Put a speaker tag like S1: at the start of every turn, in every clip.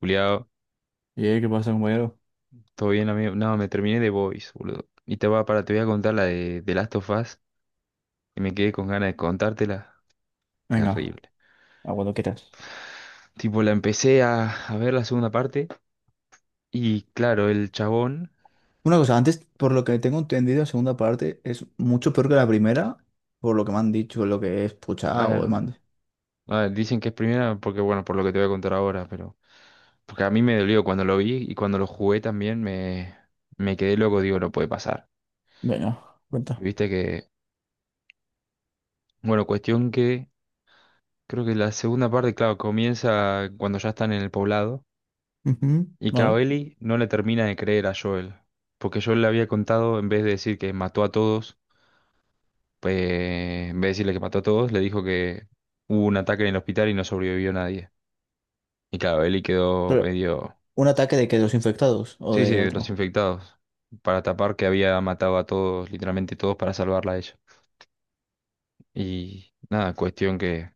S1: Juliado,
S2: Y ¿qué pasa, compañero?
S1: ¿todo bien, amigo? No, me terminé de Boys, boludo. Y te voy a contar la de Last of Us, y me quedé con ganas de contártela.
S2: Venga,
S1: Terrible.
S2: a cuando quieras.
S1: Tipo, la empecé a ver la segunda parte, y claro, el chabón.
S2: Una cosa, antes, por lo que tengo entendido, la segunda parte es mucho peor que la primera, por lo que me han dicho, lo que he
S1: A
S2: escuchado o
S1: ver,
S2: demás.
S1: a ver, dicen que es primera, porque bueno, por lo que te voy a contar ahora, pero. Porque a mí me dolió cuando lo vi y cuando lo jugué también me quedé loco, digo, no puede pasar.
S2: Venga, cuenta.
S1: Viste que. Bueno, cuestión que. Creo que la segunda parte, claro, comienza cuando ya están en el poblado.
S2: Ujú.
S1: Y que a
S2: ¿Vale?
S1: Ellie no le termina de creer a Joel, porque Joel le había contado, en vez de decir que mató a todos, pues, en vez de decirle que mató a todos, le dijo que hubo un ataque en el hospital y no sobrevivió nadie. Y claro, Ellie quedó
S2: Pero,
S1: medio,
S2: ¿un ataque de que? ¿De los infectados o
S1: sí, sí,
S2: de
S1: de los
S2: otro?
S1: infectados, para tapar que había matado a todos, literalmente todos, para salvarla a ella. Y nada, cuestión que,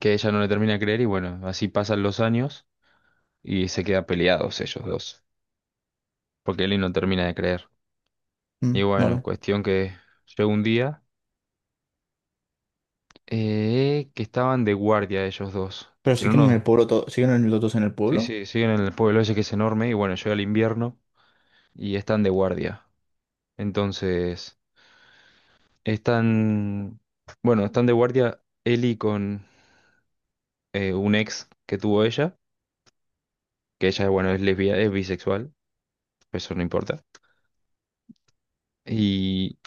S1: que ella no le termina de creer y bueno, así pasan los años y se quedan peleados ellos dos, porque Ellie no termina de creer. Y
S2: Mm,
S1: bueno,
S2: vale.
S1: cuestión que llega un día que estaban de guardia ellos dos.
S2: Pero
S1: Pero
S2: siguen en el
S1: no,
S2: pueblo, siguen en los dos en el
S1: sí,
S2: pueblo.
S1: sí, siguen en el pueblo ese que es enorme y bueno, llega el invierno y están de guardia. Entonces, están, bueno, están de guardia Eli con un ex que tuvo ella, que ella, bueno, es lesbia, es bisexual, eso no importa. Y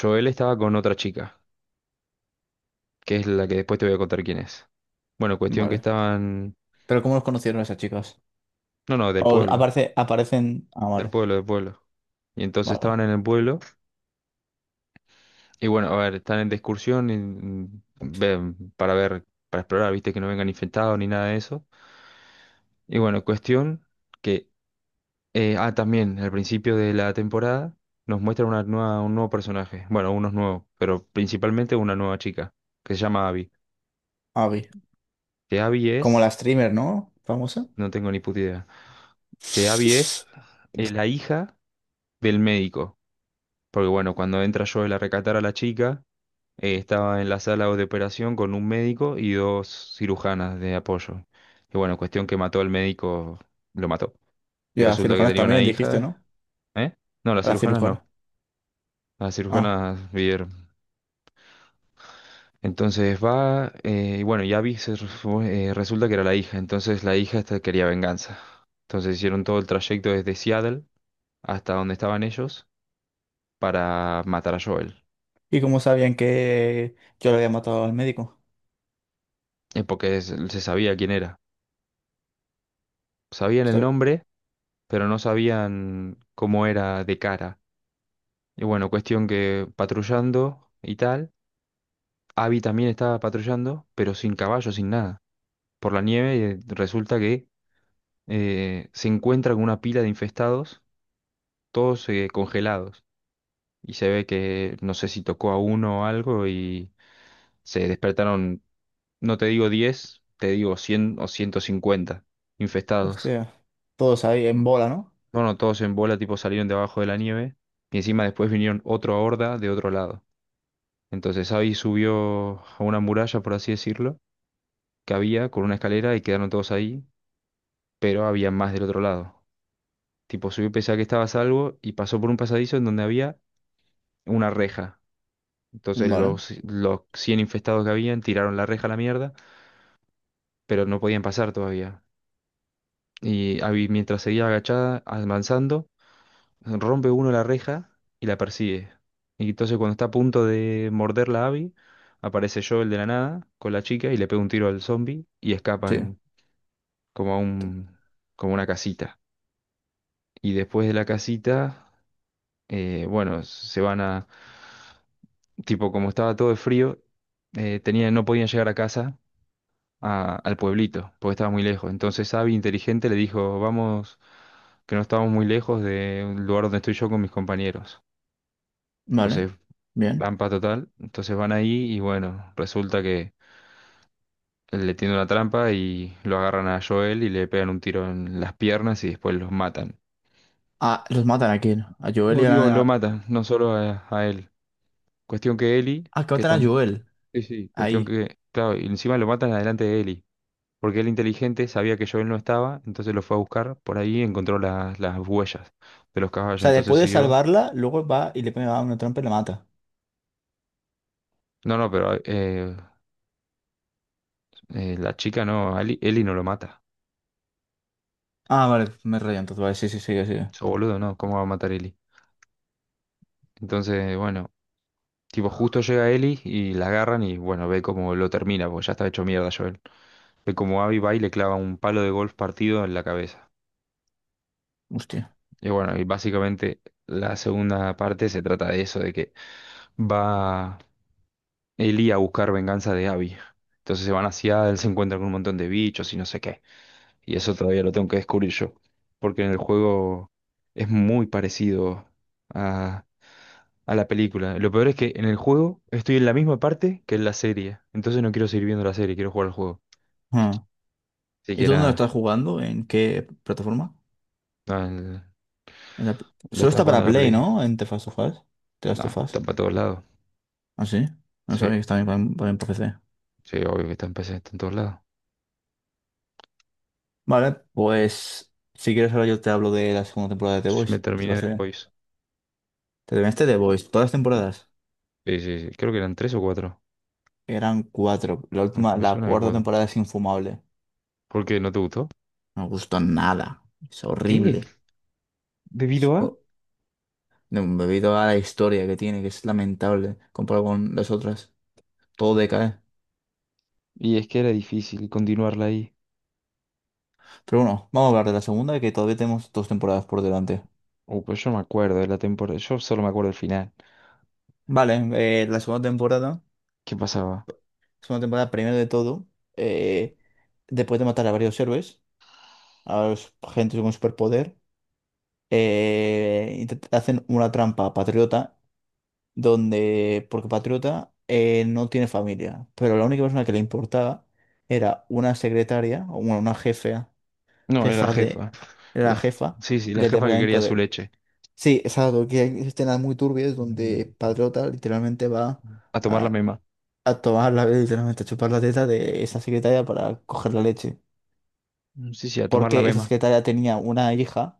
S1: Joel estaba con otra chica, que es la que después te voy a contar quién es. Bueno, cuestión que
S2: Vale.
S1: estaban,
S2: Pero ¿cómo los conocieron esas chicas?
S1: no, no, del
S2: O
S1: pueblo,
S2: aparece, aparecen. Ah,
S1: del
S2: vale.
S1: pueblo, del pueblo. Y entonces
S2: Vale, vale.
S1: estaban en el pueblo. Y bueno, a ver, están en discusión ven, para ver, para explorar, viste, que no vengan infectados ni nada de eso. Y bueno, cuestión que, también, al principio de la temporada nos muestra una nueva, un nuevo personaje, bueno, unos nuevos, pero principalmente una nueva chica, que se llama Abby.
S2: Ah,
S1: Que Abby
S2: como
S1: es,
S2: la streamer, ¿no? Famosa.
S1: no tengo ni puta idea, que Abby es la hija del médico. Porque bueno, cuando entra Joel a recatar a la chica, Estaba en la sala de operación con un médico y dos cirujanas de apoyo. Y bueno, cuestión que mató al médico, lo mató.
S2: ¿Y
S1: Y
S2: a
S1: resulta que
S2: cirujanas
S1: tenía una
S2: también, dijiste,
S1: hija.
S2: no?
S1: ¿Eh? No, las
S2: A la
S1: cirujanas no.
S2: cirujana.
S1: Las
S2: Ah.
S1: cirujanas vivieron. Entonces va, y bueno, ya Abby fue, resulta que era la hija. Entonces la hija esta quería venganza. Entonces hicieron todo el trayecto desde Seattle hasta donde estaban ellos para matar a Joel.
S2: ¿Y cómo sabían que yo le había matado al médico?
S1: Porque se sabía quién era. Sabían el
S2: Usted-
S1: nombre pero no sabían cómo era de cara. Y bueno, cuestión que patrullando y tal, Abby también estaba patrullando, pero sin caballo, sin nada. Por la nieve resulta que se encuentra con una pila de infestados, todos, congelados. Y se ve que no sé si tocó a uno o algo y se despertaron, no te digo 10, te digo 100 o 150 infestados.
S2: Hostia, todos ahí en bola, ¿no?
S1: Bueno, todos en bola tipo salieron debajo de la nieve y encima después vinieron otra horda de otro lado. Entonces Abby subió a una muralla, por así decirlo, que había con una escalera y quedaron todos ahí, pero había más del otro lado. Tipo, subió y pensaba que estaba a salvo y pasó por un pasadizo en donde había una reja. Entonces
S2: Vale,
S1: los 100 infestados que habían tiraron la reja a la mierda, pero no podían pasar todavía. Y Abby, mientras seguía agachada, avanzando, rompe uno la reja y la persigue. Y entonces cuando está a punto de morderla a Abby, aparece Joel de la nada con la chica y le pega un tiro al zombie y
S2: sí,
S1: escapan como a un, como una casita. Y después de la casita, bueno, se van a, tipo, como estaba todo de frío, tenían, no podían llegar a casa, al pueblito, porque estaba muy lejos. Entonces Abby, inteligente, le dijo, vamos, que no estábamos muy lejos de un lugar donde estoy yo con mis compañeros.
S2: vale,
S1: Entonces,
S2: bien.
S1: trampa total. Entonces van ahí y bueno, resulta que le tiende una trampa y lo agarran a Joel y le pegan un tiro en las piernas y después los matan.
S2: Ah, ¿los matan a quién? A Joel
S1: No,
S2: y a
S1: digo, lo
S2: la...
S1: matan, no solo a él. Cuestión que Eli,
S2: Ah, que
S1: que
S2: matan a
S1: tan...
S2: Joel,
S1: Sí, sí, cuestión
S2: ahí.
S1: que... Claro, y encima lo matan adelante de Eli. Porque él inteligente sabía que Joel no estaba, entonces lo fue a buscar. Por ahí encontró las huellas de los
S2: O
S1: caballos,
S2: sea,
S1: entonces
S2: después de
S1: siguió.
S2: salvarla, luego va y le pega una trampa y la mata.
S1: No, no, pero la chica no, Eli no lo mata.
S2: Ah, vale, me he rayado entonces, vale, sí, sí, sí, sí.
S1: Eso boludo, no, ¿cómo va a matar Eli? Entonces, bueno, tipo, justo llega Eli y la agarran y, bueno, ve cómo lo termina, porque ya está hecho mierda Joel. Ve cómo Abby va y le clava un palo de golf partido en la cabeza.
S2: Hostia.
S1: Y bueno, y básicamente la segunda parte se trata de eso, de que va Eli a buscar venganza de Abby. Entonces se van hacia él, se encuentran con un montón de bichos y no sé qué. Y eso todavía lo tengo que descubrir yo. Porque en el juego es muy parecido a, a la película. Lo peor es que en el juego estoy en la misma parte que en la serie. Entonces no quiero seguir viendo la serie, quiero jugar al juego.
S2: Ah. ¿Y tú dónde lo
S1: Siquiera
S2: estás jugando? ¿En qué plataforma?
S1: no, lo
S2: Solo
S1: estás
S2: está
S1: jugando
S2: para
S1: en la
S2: Play,
S1: Play.
S2: ¿no? En The Last of Us. The
S1: No,
S2: Last of
S1: está
S2: Us.
S1: para todos lados.
S2: ¿Ah, sí? No
S1: Sí,
S2: sabía que está bien para PC.
S1: sí, obvio que está en PC, está en todos lados.
S2: Vale, pues si quieres ahora yo te hablo de la segunda temporada de The
S1: Sí, me
S2: Voice, si te
S1: terminé de
S2: parece bien.
S1: Boys.
S2: Te terminaste The Voice, todas las temporadas.
S1: Sí, sí, sí. Creo que eran tres o cuatro.
S2: Eran cuatro. La última,
S1: Aunque me
S2: la
S1: suena de
S2: cuarta
S1: cuatro.
S2: temporada es infumable.
S1: ¿Por qué no te gustó?
S2: No me gustó nada. Es
S1: ¿Qué?
S2: horrible. Es
S1: ¿Debido a?
S2: ho- no, debido a la historia que tiene, que es lamentable comparado con las otras. Todo decae.
S1: Y es que era difícil continuarla ahí.
S2: Pero bueno, vamos a hablar de la segunda, que todavía tenemos dos temporadas por delante.
S1: Pero yo no me acuerdo de la temporada. Yo solo me acuerdo del final.
S2: Vale, la segunda temporada.
S1: ¿Qué pasaba?
S2: Segunda temporada, primero de todo. eh, Después de matar a varios héroes, a gente con superpoder. Hacen una trampa a Patriota, donde, porque Patriota no tiene familia, pero la única persona que le importaba era una secretaria, o bueno, una jefe,
S1: No, era la
S2: jefa de,
S1: jefa.
S2: era la
S1: La-
S2: jefa
S1: Sí, sí, la
S2: del
S1: jefa que quería
S2: departamento
S1: su
S2: de...
S1: leche.
S2: Sí, exacto, que hay escenas muy turbias
S1: Mm.
S2: donde Patriota literalmente va
S1: A tomar la
S2: a,
S1: mema.
S2: a tomar la, literalmente a chupar la teta de esa secretaria para coger la leche.
S1: Mm, sí, sí, a tomar la
S2: Porque esa
S1: mema.
S2: secretaria tenía una hija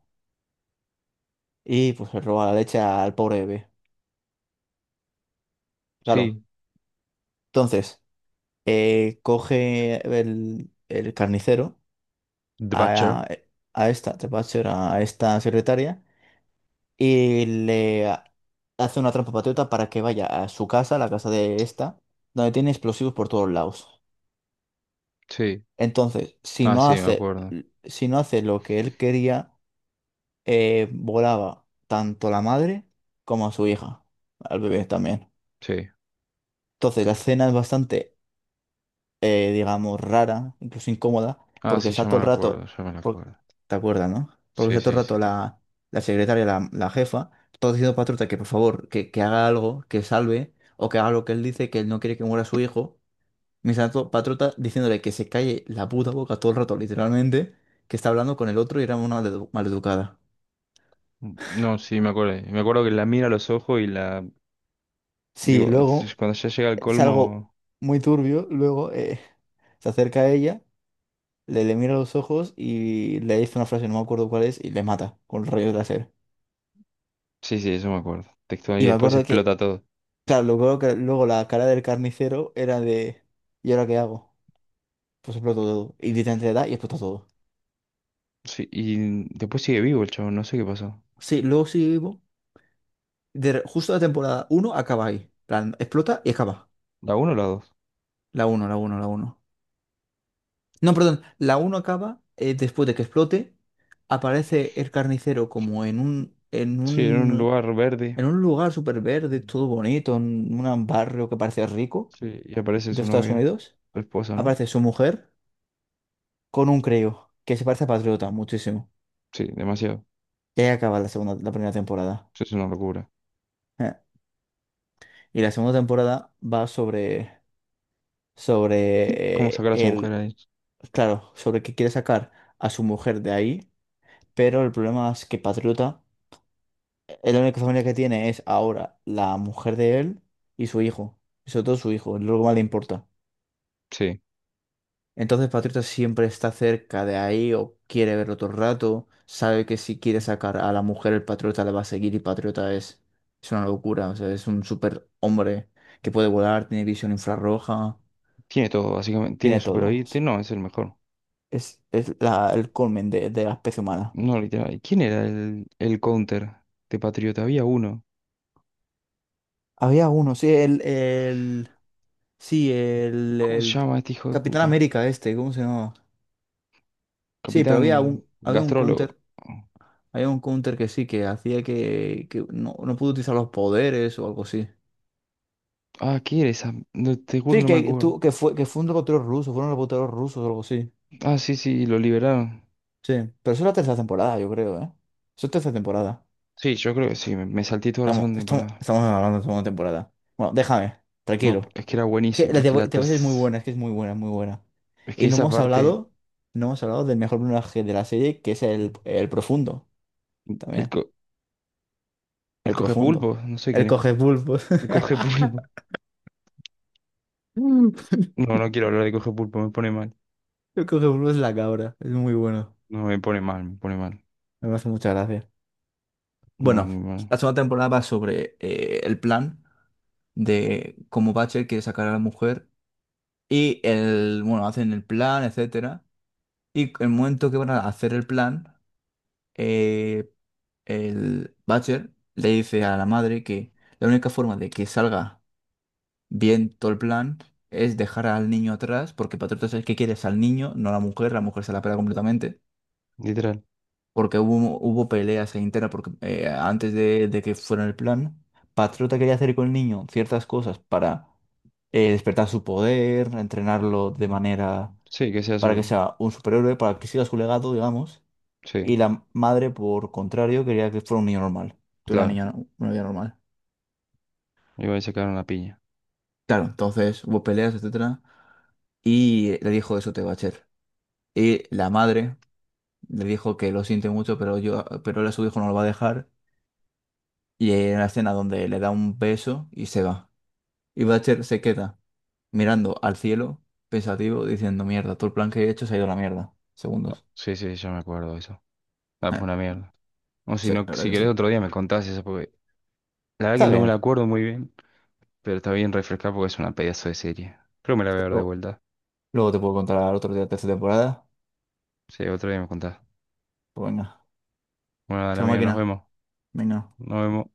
S2: y pues le roba la leche al pobre bebé. Claro.
S1: Sí.
S2: Entonces, coge el carnicero
S1: The Butcher.
S2: a, a esta, te Thatcher, a ser a esta secretaria, y hace una trampa patriota para que vaya a su casa, la casa de esta, donde tiene explosivos por todos lados.
S1: Sí.
S2: Entonces, si
S1: Ah,
S2: no
S1: sí, me
S2: hace,
S1: acuerdo.
S2: si no hace lo que él quería, volaba tanto a la madre como a su hija, al bebé también.
S1: Sí.
S2: Entonces, la escena es bastante digamos, rara, incluso incómoda,
S1: Ah,
S2: porque
S1: sí, ya
S2: está
S1: me
S2: todo el
S1: acuerdo,
S2: rato,
S1: ya me
S2: por-
S1: acuerdo.
S2: ¿te acuerdas, no? Porque
S1: Sí,
S2: está todo el
S1: sí, sí.
S2: rato la, la secretaria, la jefa, todo diciendo para Truta que por favor, que haga algo, que salve, o que haga lo que él dice, que él no quiere que muera su hijo. Mientras tanto, Patruta diciéndole que se calle la puta boca todo el rato, literalmente, que está hablando con el otro y era una maleducada.
S1: No, sí, me acuerdo. Me acuerdo que la mira a los ojos y la...
S2: Sí,
S1: Digo,
S2: luego
S1: cuando ya llega al
S2: es algo
S1: colmo...
S2: muy turbio, luego se acerca a ella. Le mira a los ojos y le dice una frase, no me acuerdo cuál es, y le mata con rayos láser.
S1: Sí, sí, eso me acuerdo. Textual. Y
S2: Y me
S1: después
S2: acuerdo que,
S1: explota todo.
S2: claro, luego, luego la cara del carnicero era de, ¿y ahora qué hago? Pues exploto todo. Y literalmente le da y explota todo.
S1: Sí, y después sigue vivo el chavo, no sé qué pasó.
S2: Sí, luego sigue vivo. Justo la temporada uno acaba ahí. Plan, explota y acaba.
S1: ¿La uno o la dos?
S2: La uno. No, perdón, la uno acaba después de que explote, aparece el carnicero como en un, en
S1: Sí, en un
S2: un,
S1: lugar verde.
S2: en un lugar súper verde, todo bonito, en un barrio que parece rico
S1: Sí, y aparece
S2: de
S1: su
S2: Estados
S1: novia.
S2: Unidos.
S1: Su esposa, ¿no?
S2: Aparece su mujer con un creo, que se parece a Patriota muchísimo.
S1: Sí, demasiado.
S2: Y ahí acaba la segunda, la primera temporada.
S1: Eso es una locura.
S2: Eh, Y la segunda temporada va sobre,
S1: ¿Cómo
S2: sobre
S1: sacar a su mujer
S2: el,
S1: ahí?
S2: claro, sobre que quiere sacar a su mujer de ahí, pero el problema es que Patriota la única familia que tiene es ahora la mujer de él y su hijo. Y sobre todo su hijo, es lo que más le importa.
S1: Sí.
S2: Entonces Patriota siempre está cerca de ahí o quiere verlo todo el rato. Sabe que si quiere sacar a la mujer, el Patriota le va a seguir y Patriota es una locura. O sea, es un super hombre que puede volar, tiene visión infrarroja,
S1: Tiene todo, básicamente. Tiene
S2: tiene
S1: super
S2: todo.
S1: oído.
S2: Es,
S1: No, es el mejor.
S2: es la- el colmen de la especie humana.
S1: No, literal. ¿Quién era el counter de Patriota? Había uno.
S2: Había uno, sí,
S1: ¿Cómo se
S2: el
S1: llama este hijo de
S2: Capitán
S1: puta?
S2: América este, ¿cómo se llama? Sí, pero
S1: Capitán Gastrólogo.
S2: había un counter que sí, que hacía que no, no pudo utilizar los poderes o algo así.
S1: Ah, ¿qué era esa? No, te juro,
S2: Sí,
S1: no me
S2: que,
S1: acuerdo.
S2: tú, que fue un reportero ruso, fueron reporteros rusos o algo así.
S1: Ah, sí, sí, lo liberaron.
S2: Sí, pero eso es la tercera temporada, yo creo, ¿eh? Eso es tercera temporada.
S1: Sí, yo creo que sí, me salté toda la
S2: Estamos,
S1: segunda
S2: estamos,
S1: temporada.
S2: estamos hablando de segunda temporada. Bueno, déjame,
S1: No,
S2: tranquilo.
S1: es que era
S2: Es que
S1: buenísima,
S2: la
S1: es
S2: de
S1: que la
S2: The Voice es muy
S1: tercera...
S2: buena, es que es muy buena, muy buena.
S1: Es que
S2: Y no
S1: esa
S2: hemos
S1: parte...
S2: hablado, no hemos hablado del mejor personaje de la serie, que es el profundo,
S1: El,
S2: también.
S1: co el
S2: El
S1: cogepulpo,
S2: profundo.
S1: no sé
S2: El
S1: quién es.
S2: coge pulpos.
S1: El cogepulpo. No, no quiero hablar de cogepulpo, me pone mal.
S2: Yo creo que Bruno es la cabra. Es muy bueno.
S1: No, me pone mal, me pone mal.
S2: Me hace mucha gracia.
S1: No,
S2: Bueno,
S1: muy mal.
S2: la segunda temporada va sobre el plan de cómo Butcher quiere sacar a la mujer. Y el, bueno, hacen el plan, etcétera. Y el momento que van a hacer el plan, eh, el Butcher le dice a la madre que la única forma de que salga bien todo el plan es dejar al niño atrás, porque Patriotas es el que quieres al niño, no a la mujer se la pela completamente.
S1: Literal.
S2: Porque hubo, hubo peleas ahí internas, porque antes de que fuera el plan, Patriota quería hacer con el niño ciertas cosas para despertar su poder, entrenarlo de
S1: Mm.
S2: manera
S1: Sí, que sea
S2: para que
S1: su...
S2: sea un superhéroe, para que siga su legado, digamos,
S1: Sí,
S2: y la madre, por contrario, quería que fuera un niño normal, que
S1: claro.
S2: una niña normal.
S1: Iba a sacar una piña.
S2: Claro, entonces hubo peleas, etcétera, y le dijo eso te va a hacer. Y la madre le dijo que lo siente mucho, pero yo, pero él a su hijo no lo va a dejar. Y hay una escena donde le da un beso y se va. Y Butcher se queda mirando al cielo, pensativo, diciendo, mierda, todo el plan que he hecho se ha ido a la mierda. Segundos.
S1: Sí, sí, ya me acuerdo de eso. Ah, pues
S2: Eh,
S1: una mierda. O si
S2: sí,
S1: no,
S2: la verdad
S1: si
S2: que
S1: querés
S2: sí.
S1: otro día me contás eso, porque la verdad que
S2: Está
S1: no me la
S2: bien.
S1: acuerdo muy bien, pero está bien refrescar porque es una pedazo de serie. Creo que me la voy a ver de
S2: Luego,
S1: vuelta.
S2: luego te puedo contar otro día de esta temporada.
S1: Sí, otro día me contás.
S2: Pues venga.
S1: Bueno, dale
S2: Chao,
S1: amigo, nos
S2: máquina.
S1: vemos.
S2: Venga.
S1: Nos vemos.